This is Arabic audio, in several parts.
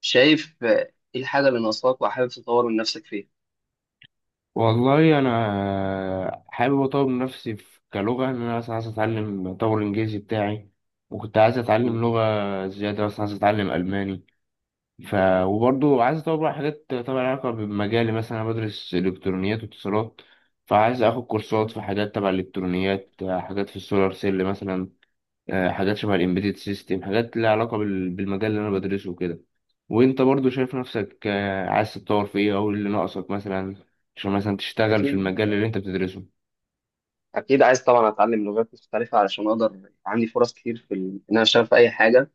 شايف ايه الحاجة اللي ناقصاك وحابب تطور من نفسك فيها؟ والله انا حابب اطور من نفسي في كلغه، ان انا مثلا عايز اطور الانجليزي بتاعي. وكنت عايز مم. اتعلم لغه زياده، مثلا عايز اتعلم الماني. ف وبرضه عايز اطور بقى حاجات طبعا لها علاقه بمجالي. مثلا انا بدرس الكترونيات واتصالات، فعايز اخد كورسات في حاجات تبع الالكترونيات، حاجات في السولار سيل مثلا. حاجات شبه الامبيدد سيستم، حاجات ليها علاقة بالمجال اللي انا بدرسه وكده. وانت برضو شايف نفسك، عايز تتطور في ايه، او إيه اللي ناقصك مثلا عشان مثلا تشتغل في أكيد، المجال اللي انت بتدرسه؟ أكيد عايز طبعا أتعلم لغات مختلفة علشان أقدر عندي فرص كتير إن أنا أشتغل في أي حاجة،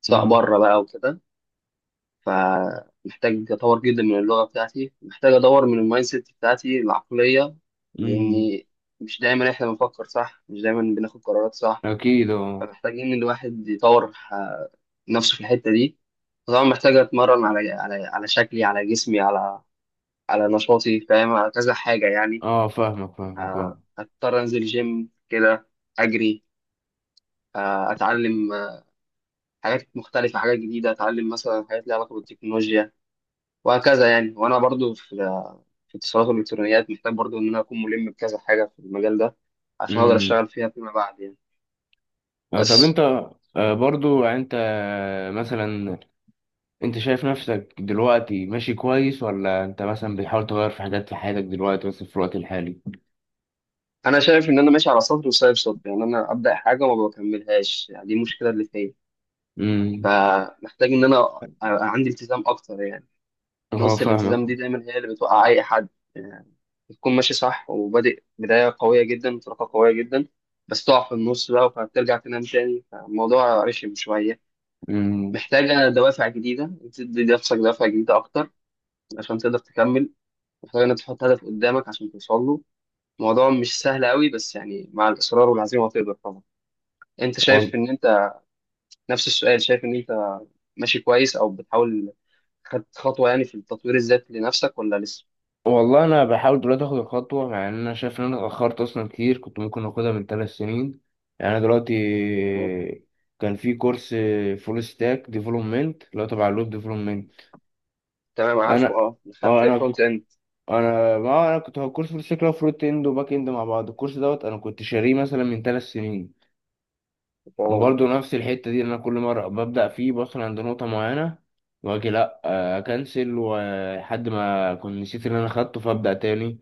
سواء امم بره بقى وكده. فمحتاج أطور جدا من اللغة بتاعتي، محتاج أدور من المايند سيت بتاعتي، العقلية. امم. لأني مش دايما إحنا بنفكر صح، مش دايما بناخد قرارات صح. اكيد اه. فمحتاجين الواحد يطور نفسه في الحتة دي. طبعا محتاج أتمرن على شكلي، على جسمي، على على نشاطي، فاهم، على كذا حاجة يعني. اه، فاهمك فاهمك اه. هضطر أنزل جيم كده، أجري، أتعلم حاجات مختلفة، حاجات جديدة. أتعلم مثلا حاجات ليها علاقة بالتكنولوجيا، وهكذا يعني. وأنا برضو في اتصالات والإلكترونيات، محتاج برضو إن أنا أكون ملم بكذا حاجة في المجال ده عشان أقدر امم. أشتغل فيها فيما بعد يعني. طب بس انت، برضو يعني انت، مثلا انت شايف نفسك دلوقتي ماشي كويس، ولا انت مثلا بتحاول تغير في حاجات في حياتك دلوقتي بس في الوقت الحالي؟ أنا شايف إن أنا ماشي على سطر وسايب سطر، يعني أنا أبدأ حاجة وما بكملهاش، يعني دي المشكلة اللي فيا. امم. فمحتاج إن أنا عندي التزام أكتر يعني. اه نقطة فاهمك. الالتزام دي دايما هي اللي بتوقع أي حد يعني. تكون ماشي صح وبادئ بداية قوية جدا، انطلاقة قوية جدا، بس تقع في النص بقى، فبترجع تنام تاني، فالموضوع رخم شوية. امم. محتاجة دوافع جديدة، انت تدي نفسك دوافع جديدة أكتر عشان تقدر تكمل. محتاجة إنك تحط هدف قدامك عشان توصل له. الموضوع مش سهل قوي، بس يعني مع الإصرار والعزيمة هتقدر طبعا. أنت شايف إن أنت، نفس السؤال، شايف إن أنت ماشي كويس أو بتحاول خدت خطوة يعني في التطوير الذاتي لنفسك، ولا لسه؟ والله انا بحاول دلوقتي اخد الخطوه، مع ان انا شايف ان انا اتاخرت اصلا كتير، كنت ممكن اخدها من 3 سنين. يعني انا دلوقتي كان في كورس فول ستاك ديفلوبمنت اللي هو تبع الويب ديفلوبمنت. تمام، عارفه، انا أه، اه خدت انا فرونت انا ما انا كنت، هو كورس فول ستاك اللي هو فرونت اند وباك اند مع بعض. الكورس دوت انا كنت شاريه مثلا من 3 سنين. إند. وبرضه نفس الحته دي، إن انا كل مره ببدا فيه بوصل عند نقطه معينه واجي لا، اكنسل، ولحد ما كنت نسيت اللي انا خدته فابدا تاني.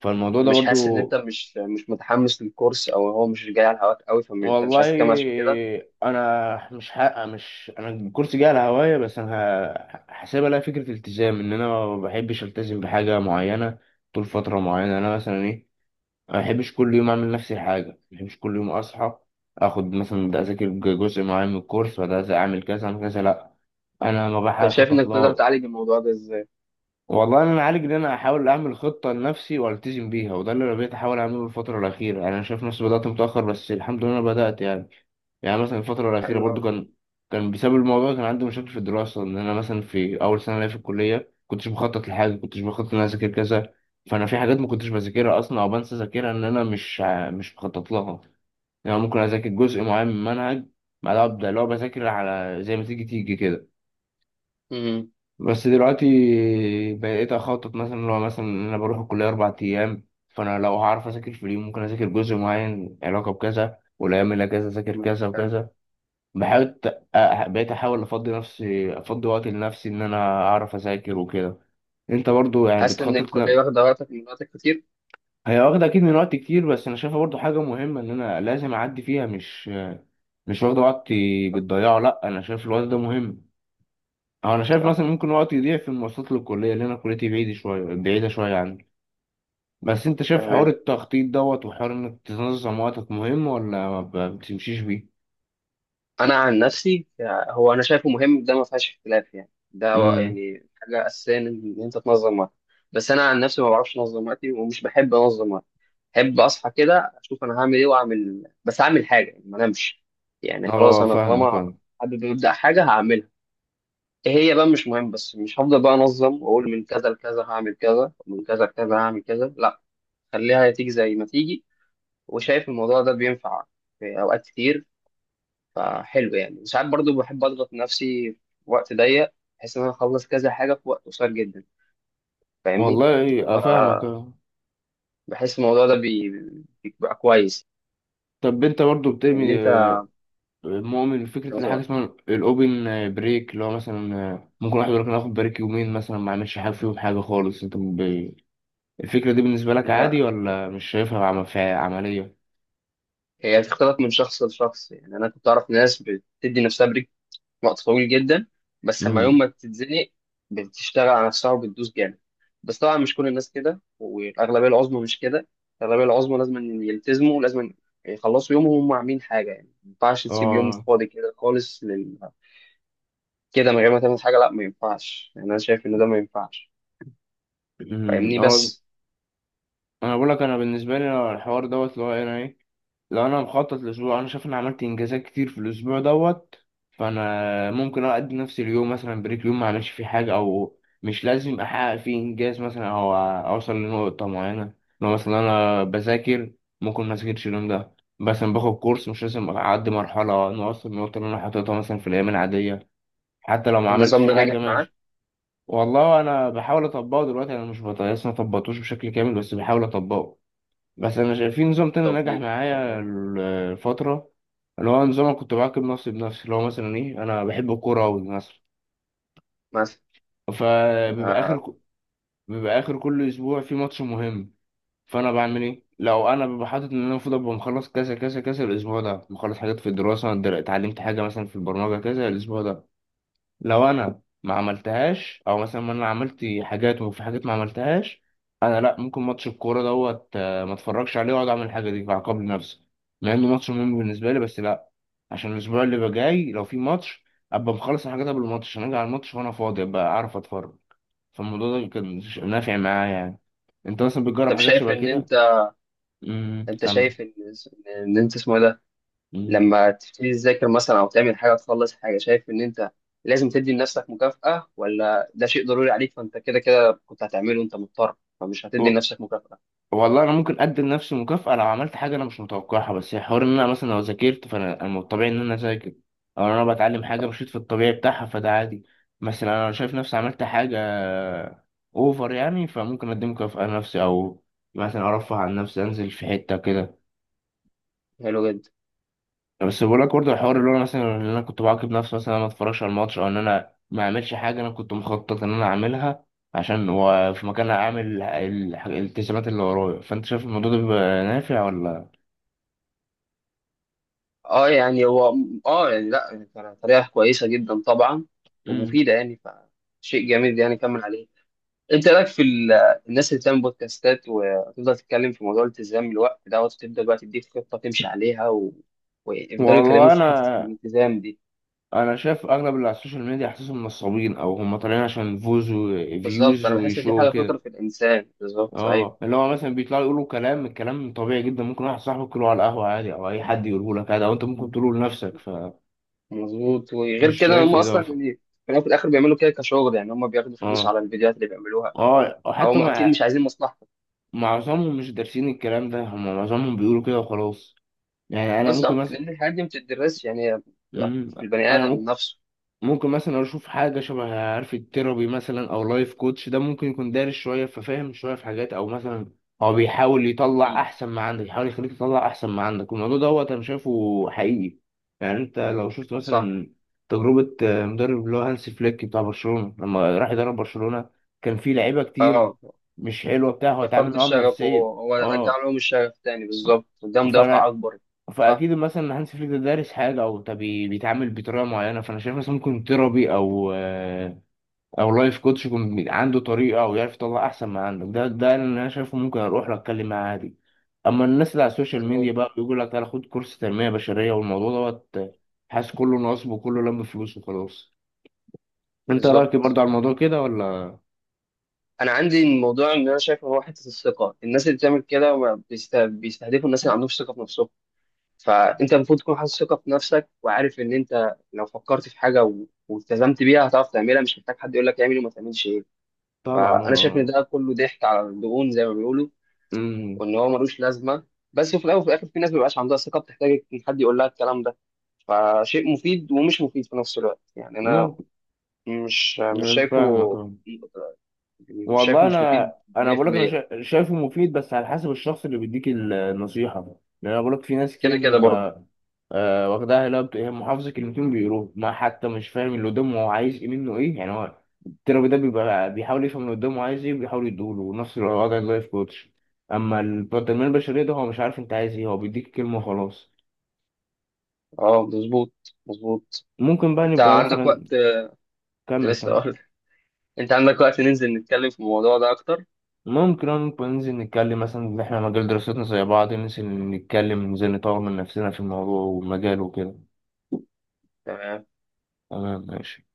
فالموضوع ده مش حاسس ان برضو. انت مش مش متحمس للكورس، او هو مش جاي على هواك قوي، فانت مش عايز والله تكمل عشان كده؟ انا مش انا الكورس جه على هوايه، بس انا حاسبها لها فكره التزام، ان انا ما بحبش التزم بحاجه معينه طول فتره معينه. انا مثلا ايه، ما بحبش كل يوم اعمل نفس الحاجه، ما بحبش كل يوم اصحى اخد مثلا ده اذاكر جزء معين من الكورس، وده اعمل كذا اعمل كذا، لا انا ما طب بحاول شايف اخطط انك تقدر له. تعالج الموضوع ده ازاي؟ والله انا عالج ان انا احاول اعمل خطه لنفسي والتزم بيها، وده اللي انا بقيت احاول اعمله الفتره الاخيره. يعني انا شايف نفسي بدات متاخر بس الحمد لله انا بدات يعني مثلا الفتره الاخيره حلو برضو قوي. كان بسبب الموضوع، كان عندي مشاكل في الدراسه. ان انا مثلا في اول سنه ليا في الكليه كنتش بخطط لحاجه، كنتش بخطط ان انا اذاكر كذا، فانا في حاجات ما كنتش بذاكرها اصلا او بنسى اذاكرها، ان انا مش مخطط لها. يعني ممكن اذاكر جزء معين من منهج بعدها ابدا اللي هو بذاكر على زي ما تيجي تيجي كده. امم بس دلوقتي بقيت اخطط، مثلا لو مثلا إن انا بروح الكليه 4 ايام، فانا لو هعرف اذاكر في اليوم، ممكن اذاكر جزء معين علاقه بكذا، والايام اللي اجازه اذاكر كذا حلو. وكذا. بحاول، بقيت احاول افضي نفسي، افضي وقت لنفسي ان انا اعرف اذاكر وكده. انت برضو يعني حاسس ان بتخطط الكليه واخده وقتك، من وقتك كتير؟ هي واخده اكيد من وقت كتير، بس انا شايفها برضو حاجه مهمه ان انا لازم اعدي فيها. مش واخده وقتي صح. بتضيعه، لا انا شايف الوقت ده مهم. أو انا شايف صح. مثلا ممكن وقتي يضيع في المواصلات للكليه، لان انا كليتي بعيده شويه بعيده شويه عني. بس انت شايف حوار تمام. التخطيط دوت وحوار انك تنظم وقتك مهم، ولا ما بتمشيش بيه؟ انا عن نفسي، هو انا شايفه مهم، ده ما فيهاش اختلاف يعني. ده امم يعني حاجه اساسيه، إن انت تنظم وقتك. بس انا عن نفسي ما بعرفش انظم وقتي، ومش بحب انظم وقتي. بحب اصحى كده اشوف انا هعمل ايه، واعمل، بس اعمل حاجه يعني، ما انامش. يعني خلاص، اه انا فاهمك طالما اه. حابب ابدا حاجه هعملها، ايه هي بقى مش مهم، بس مش هفضل بقى انظم واقول من كذا لكذا هعمل كذا، ومن كذا لكذا هعمل كذا، لا. خليها تيجي زي ما تيجي. وشايف الموضوع ده بينفع في اوقات كتير، فحلو يعني. ساعات برضو بحب اضغط نفسي في وقت ضيق، بحيث ان انا اخلص كذا حاجه في وقت قصير جدا، فاهمني؟ والله اه فاهمك فبحس اه. الموضوع ده بيبقى كويس. طب انت برضو ان بتبني، انت مؤمن بفكرة اللي تنظم حاجة وقتك. اسمها الاوبن بريك، اللي هو مثلا ممكن واحد يقول لك ناخد بريك يومين مثلا ما اعملش حاجة فيهم، حاجة خالص، انت الفكرة دي بالنسبة لك عادي لا، ولا مش شايفها في عملية؟ هي بتختلف من شخص لشخص يعني. انا كنت اعرف ناس بتدي نفسها بريك وقت طويل جدا، بس لما يوم امم ما بتتزنق بتشتغل على نفسها وبتدوس جامد. بس طبعا مش كل الناس كده، والأغلبية العظمى مش كده. الأغلبية العظمى لازم إن يلتزموا، لازم يخلصوا يومهم وهم عاملين حاجة، يعني ما ينفعش تسيب يوم اه. فاضي كده خالص كده، من غير ما تعمل حاجة. لا، ما ينفعش يعني. أنا شايف إن ده ما ينفعش، فاهمني؟ اه. بس. انا بقول لك، انا بالنسبة لي اه، الحوار دوت اللي هو ايه، انا ايه، لو انا مخطط لاسبوع، انا شايف اني عملت انجازات كتير في الاسبوع دوت، فانا ممكن اقضي نفس اليوم مثلا بريك، يوم ما اعملش فيه حاجه، او مش لازم احقق فيه انجاز مثلا او اوصل لنقطه معينه. لو مثلا انا بذاكر، ممكن ما اذاكرش اليوم ده، مثلا باخد كورس، مش لازم اعدي مرحله انه اوصل للنقطه اللي انا حاططها مثلا في الايام العاديه. حتى لو ما عملت النظام فيه ده حاجه نجح معاك؟ ماشي. والله انا بحاول اطبقه دلوقتي، انا مش لسه ما طبقتوش بشكل كامل، بس بحاول اطبقه. بس انا شايف في نظام تاني نجح توفيق معايا والله. الفتره، اللي هو نظام، أنا كنت بعاقب نفسي بنفسي. اللي هو مثلا ايه، انا بحب الكوره قوي مثلا، مثلا. فبيبقى آه، اخر بيبقى اخر كل اسبوع في ماتش مهم. فانا بعمل ايه، لو انا ببقى حاطط ان انا المفروض ابقى مخلص كذا كذا كذا الاسبوع ده، مخلص حاجات في الدراسه، اتعلمت حاجه مثلا في البرمجه كذا الاسبوع ده، لو انا ما عملتهاش او مثلا ما انا عملت حاجات وفي حاجات ما عملتهاش، انا لا ممكن ماتش الكوره دوت، ما اتفرجش عليه، واقعد اعمل الحاجه دي، فاعاقب نفسي. مع انه ماتش مهم بالنسبه لي بس لا، عشان الاسبوع اللي جاي لو في ماتش ابقى مخلص الحاجات قبل الماتش، عشان اجي على الماتش وانا فاضي ابقى اعرف اتفرج. فالموضوع ده كان نافع معايا يعني. انت مثلا بتجرب طب حاجات شايف شبه إن كده؟ أنت، أنت كمل. شايف إن أنت اسمه إيه ده، امم. لما تبتدي تذاكر مثلا او تعمل حاجه، تخلص حاجه، شايف ان انت لازم تدي لنفسك مكافاه، ولا ده شيء ضروري عليك، فانت كده كده كنت هتعمله وانت مضطر، فمش هتدي لنفسك مكافاه؟ والله انا ممكن ادي لنفسي مكافأة لو عملت حاجة انا مش متوقعها. بس حوار ان انا مثلا لو ذاكرت، فانا أنا من الطبيعي ان انا اذاكر، او انا بتعلم حاجة ف- مشيت في الطبيعي بتاعها، فده عادي. مثلا انا لو شايف نفسي عملت حاجة اوفر يعني، فممكن ادي مكافأة لنفسي، او مثلا ارفه عن نفسي انزل في حتة كده. حلو جدا. بس بقول لك برضه الحوار اللي هو مثلا ان انا كنت بعاقب نفسي مثلا أنا ما اتفرجش على الماتش، او ان انا ما اعملش حاجة انا كنت مخطط ان انا اعملها، عشان وفي مكانها اعمل الالتزامات اللي ورايا. فانت شايف الموضوع ده بيبقى نافع ولا؟ اه يعني هو، اه يعني لا، يعني كان طريقه كويسه جدا طبعا، امم. ومفيده يعني، فشيء جميل يعني، كمل عليه. انت إيه رايك في الناس اللي بتعمل بودكاستات وتفضل تتكلم في موضوع الالتزام الوقت دوت، وتبدا بقى تديك خطه تمشي عليها ويفضلوا يكلموك والله في انا، حته الالتزام دي؟ انا شايف اغلب اللي على السوشيال ميديا حاسسهم نصابين، او هم طالعين عشان فوز بالظبط. وفيوز انا بحس ان دي وشو حاجه فطره كده. في الانسان، بالظبط، صحيح. اه، اللي هو مثلا بيطلعوا يقولوا كلام، الكلام طبيعي جدا، ممكن واحد صاحبك يقوله على القهوه عادي، او اي حد يقوله لك عادي، او انت ممكن تقوله لنفسك، فمش مظبوط. وغير كده شايف هم اصلا اضافه. يعني، في الأول وفي الاخر بيعملوا كده كشغل، يعني هم بياخدوا فلوس اه على الفيديوهات اللي بيعملوها، اه، حتى فهم اكيد مع مش عايزين مصلحتك. معظمهم مش دارسين الكلام ده، هم معظمهم بيقولوا كده وخلاص. يعني انا ممكن بالظبط، مثلا لان الحاجات دي ما بتدرسش يعني، هي بتبقى مم. في البني ادم انا نفسه. ممكن مثلا اشوف حاجه شبه عارف التيرابي مثلا او لايف كوتش، ده ممكن يكون دارس شويه ففاهم شويه في حاجات، او مثلا هو بيحاول يطلع أكيد. احسن ما عندك، يحاول يخليك تطلع احسن ما عندك. الموضوع دوت انا شايفه حقيقي. يعني انت لو شفت صح. مثلا تجربه، مدرب اللي هو هانسي فليك بتاع برشلونه لما راح يدرب برشلونه، كان في لعيبه كتير اه، مش حلوه بتاع، هو اتعامل ففقد معاهم الشغف، نفسيا. هو هو رجع اه. لهم الشغف تاني، بالظبط، ده دافع فانا، اكبر. صح. فاكيد مثلا هانس فليك ده دارس حاجه، او طب بيتعامل بطريقه معينه. فانا شايف مثلا ممكن تيرابي او لايف كوتش يكون عنده طريقه او يعرف يطلع احسن ما عندك. ده اللي انا شايفه، ممكن اروح له اتكلم معاه عادي. اما الناس اللي على السوشيال ميديا مظبوط. بقى بيقول لك تعالى خد كورس تنميه بشريه والموضوع دوت، حاسس كله نصب وكله لم فلوس وخلاص. انت رايك إيه بالظبط. برضه على الموضوع كده، ولا؟ انا عندي الموضوع، ان انا شايف إن هو حته الثقه، الناس اللي بتعمل كده ما بيستهدفوا الناس اللي عندهم ثقه في نفسهم. فانت المفروض تكون حاسس ثقه في نفسك، وعارف ان انت لو فكرت في حاجه والتزمت بيها هتعرف تعملها، مش محتاج حد يقول لك اعمل وما تعملش ايه. طبعا فانا اه شايف آه. ان ده كله ضحك على الدهون زي ما بيقولوا، أمم. وان هو ملوش لازمه. بس في الاول وفي الاخر في ناس ما بيبقاش عندها ثقه، بتحتاج ان حد يقول لها الكلام ده، فشيء مفيد ومش مفيد في نفس الوقت يعني. انا ممكن. مش مش أنا فاهمك. شايفه، مش شايفه والله مش انا، مفيد انا بقول لك انا 100%. شايفه مفيد بس على حسب الشخص اللي بيديك النصيحه. لان انا بقول لك في ناس كتير كده كده برضه. بتبقى واخداها، لا هي محافظه كلمتين بيقولوه، ما حتى مش فاهم اللي قدامه هو عايز ايه منه، ايه يعني هو. التربي ده بيبقى بيحاول يفهم اللي قدامه عايز ايه، وبيحاول يديهوله، نفس الوضع اللايف كوتش. اما بتاع التنميه البشريه ده هو مش عارف انت عايز ايه، هو بيديك كلمه وخلاص. اه، مظبوط. مظبوط. ممكن بقى انت نبقى عندك وقت مثلا، كمل كمل. لسه؟ انت عندك وقت ننزل نتكلم في الموضوع ده اكتر؟ ممكن نبقى ننزل نتكلم مثلا إن إحنا مجال دراستنا زي بعض، ننزل نتكلم، ننزل نطور من نفسنا في الموضوع والمجال وكده. تمام. تمام ماشي.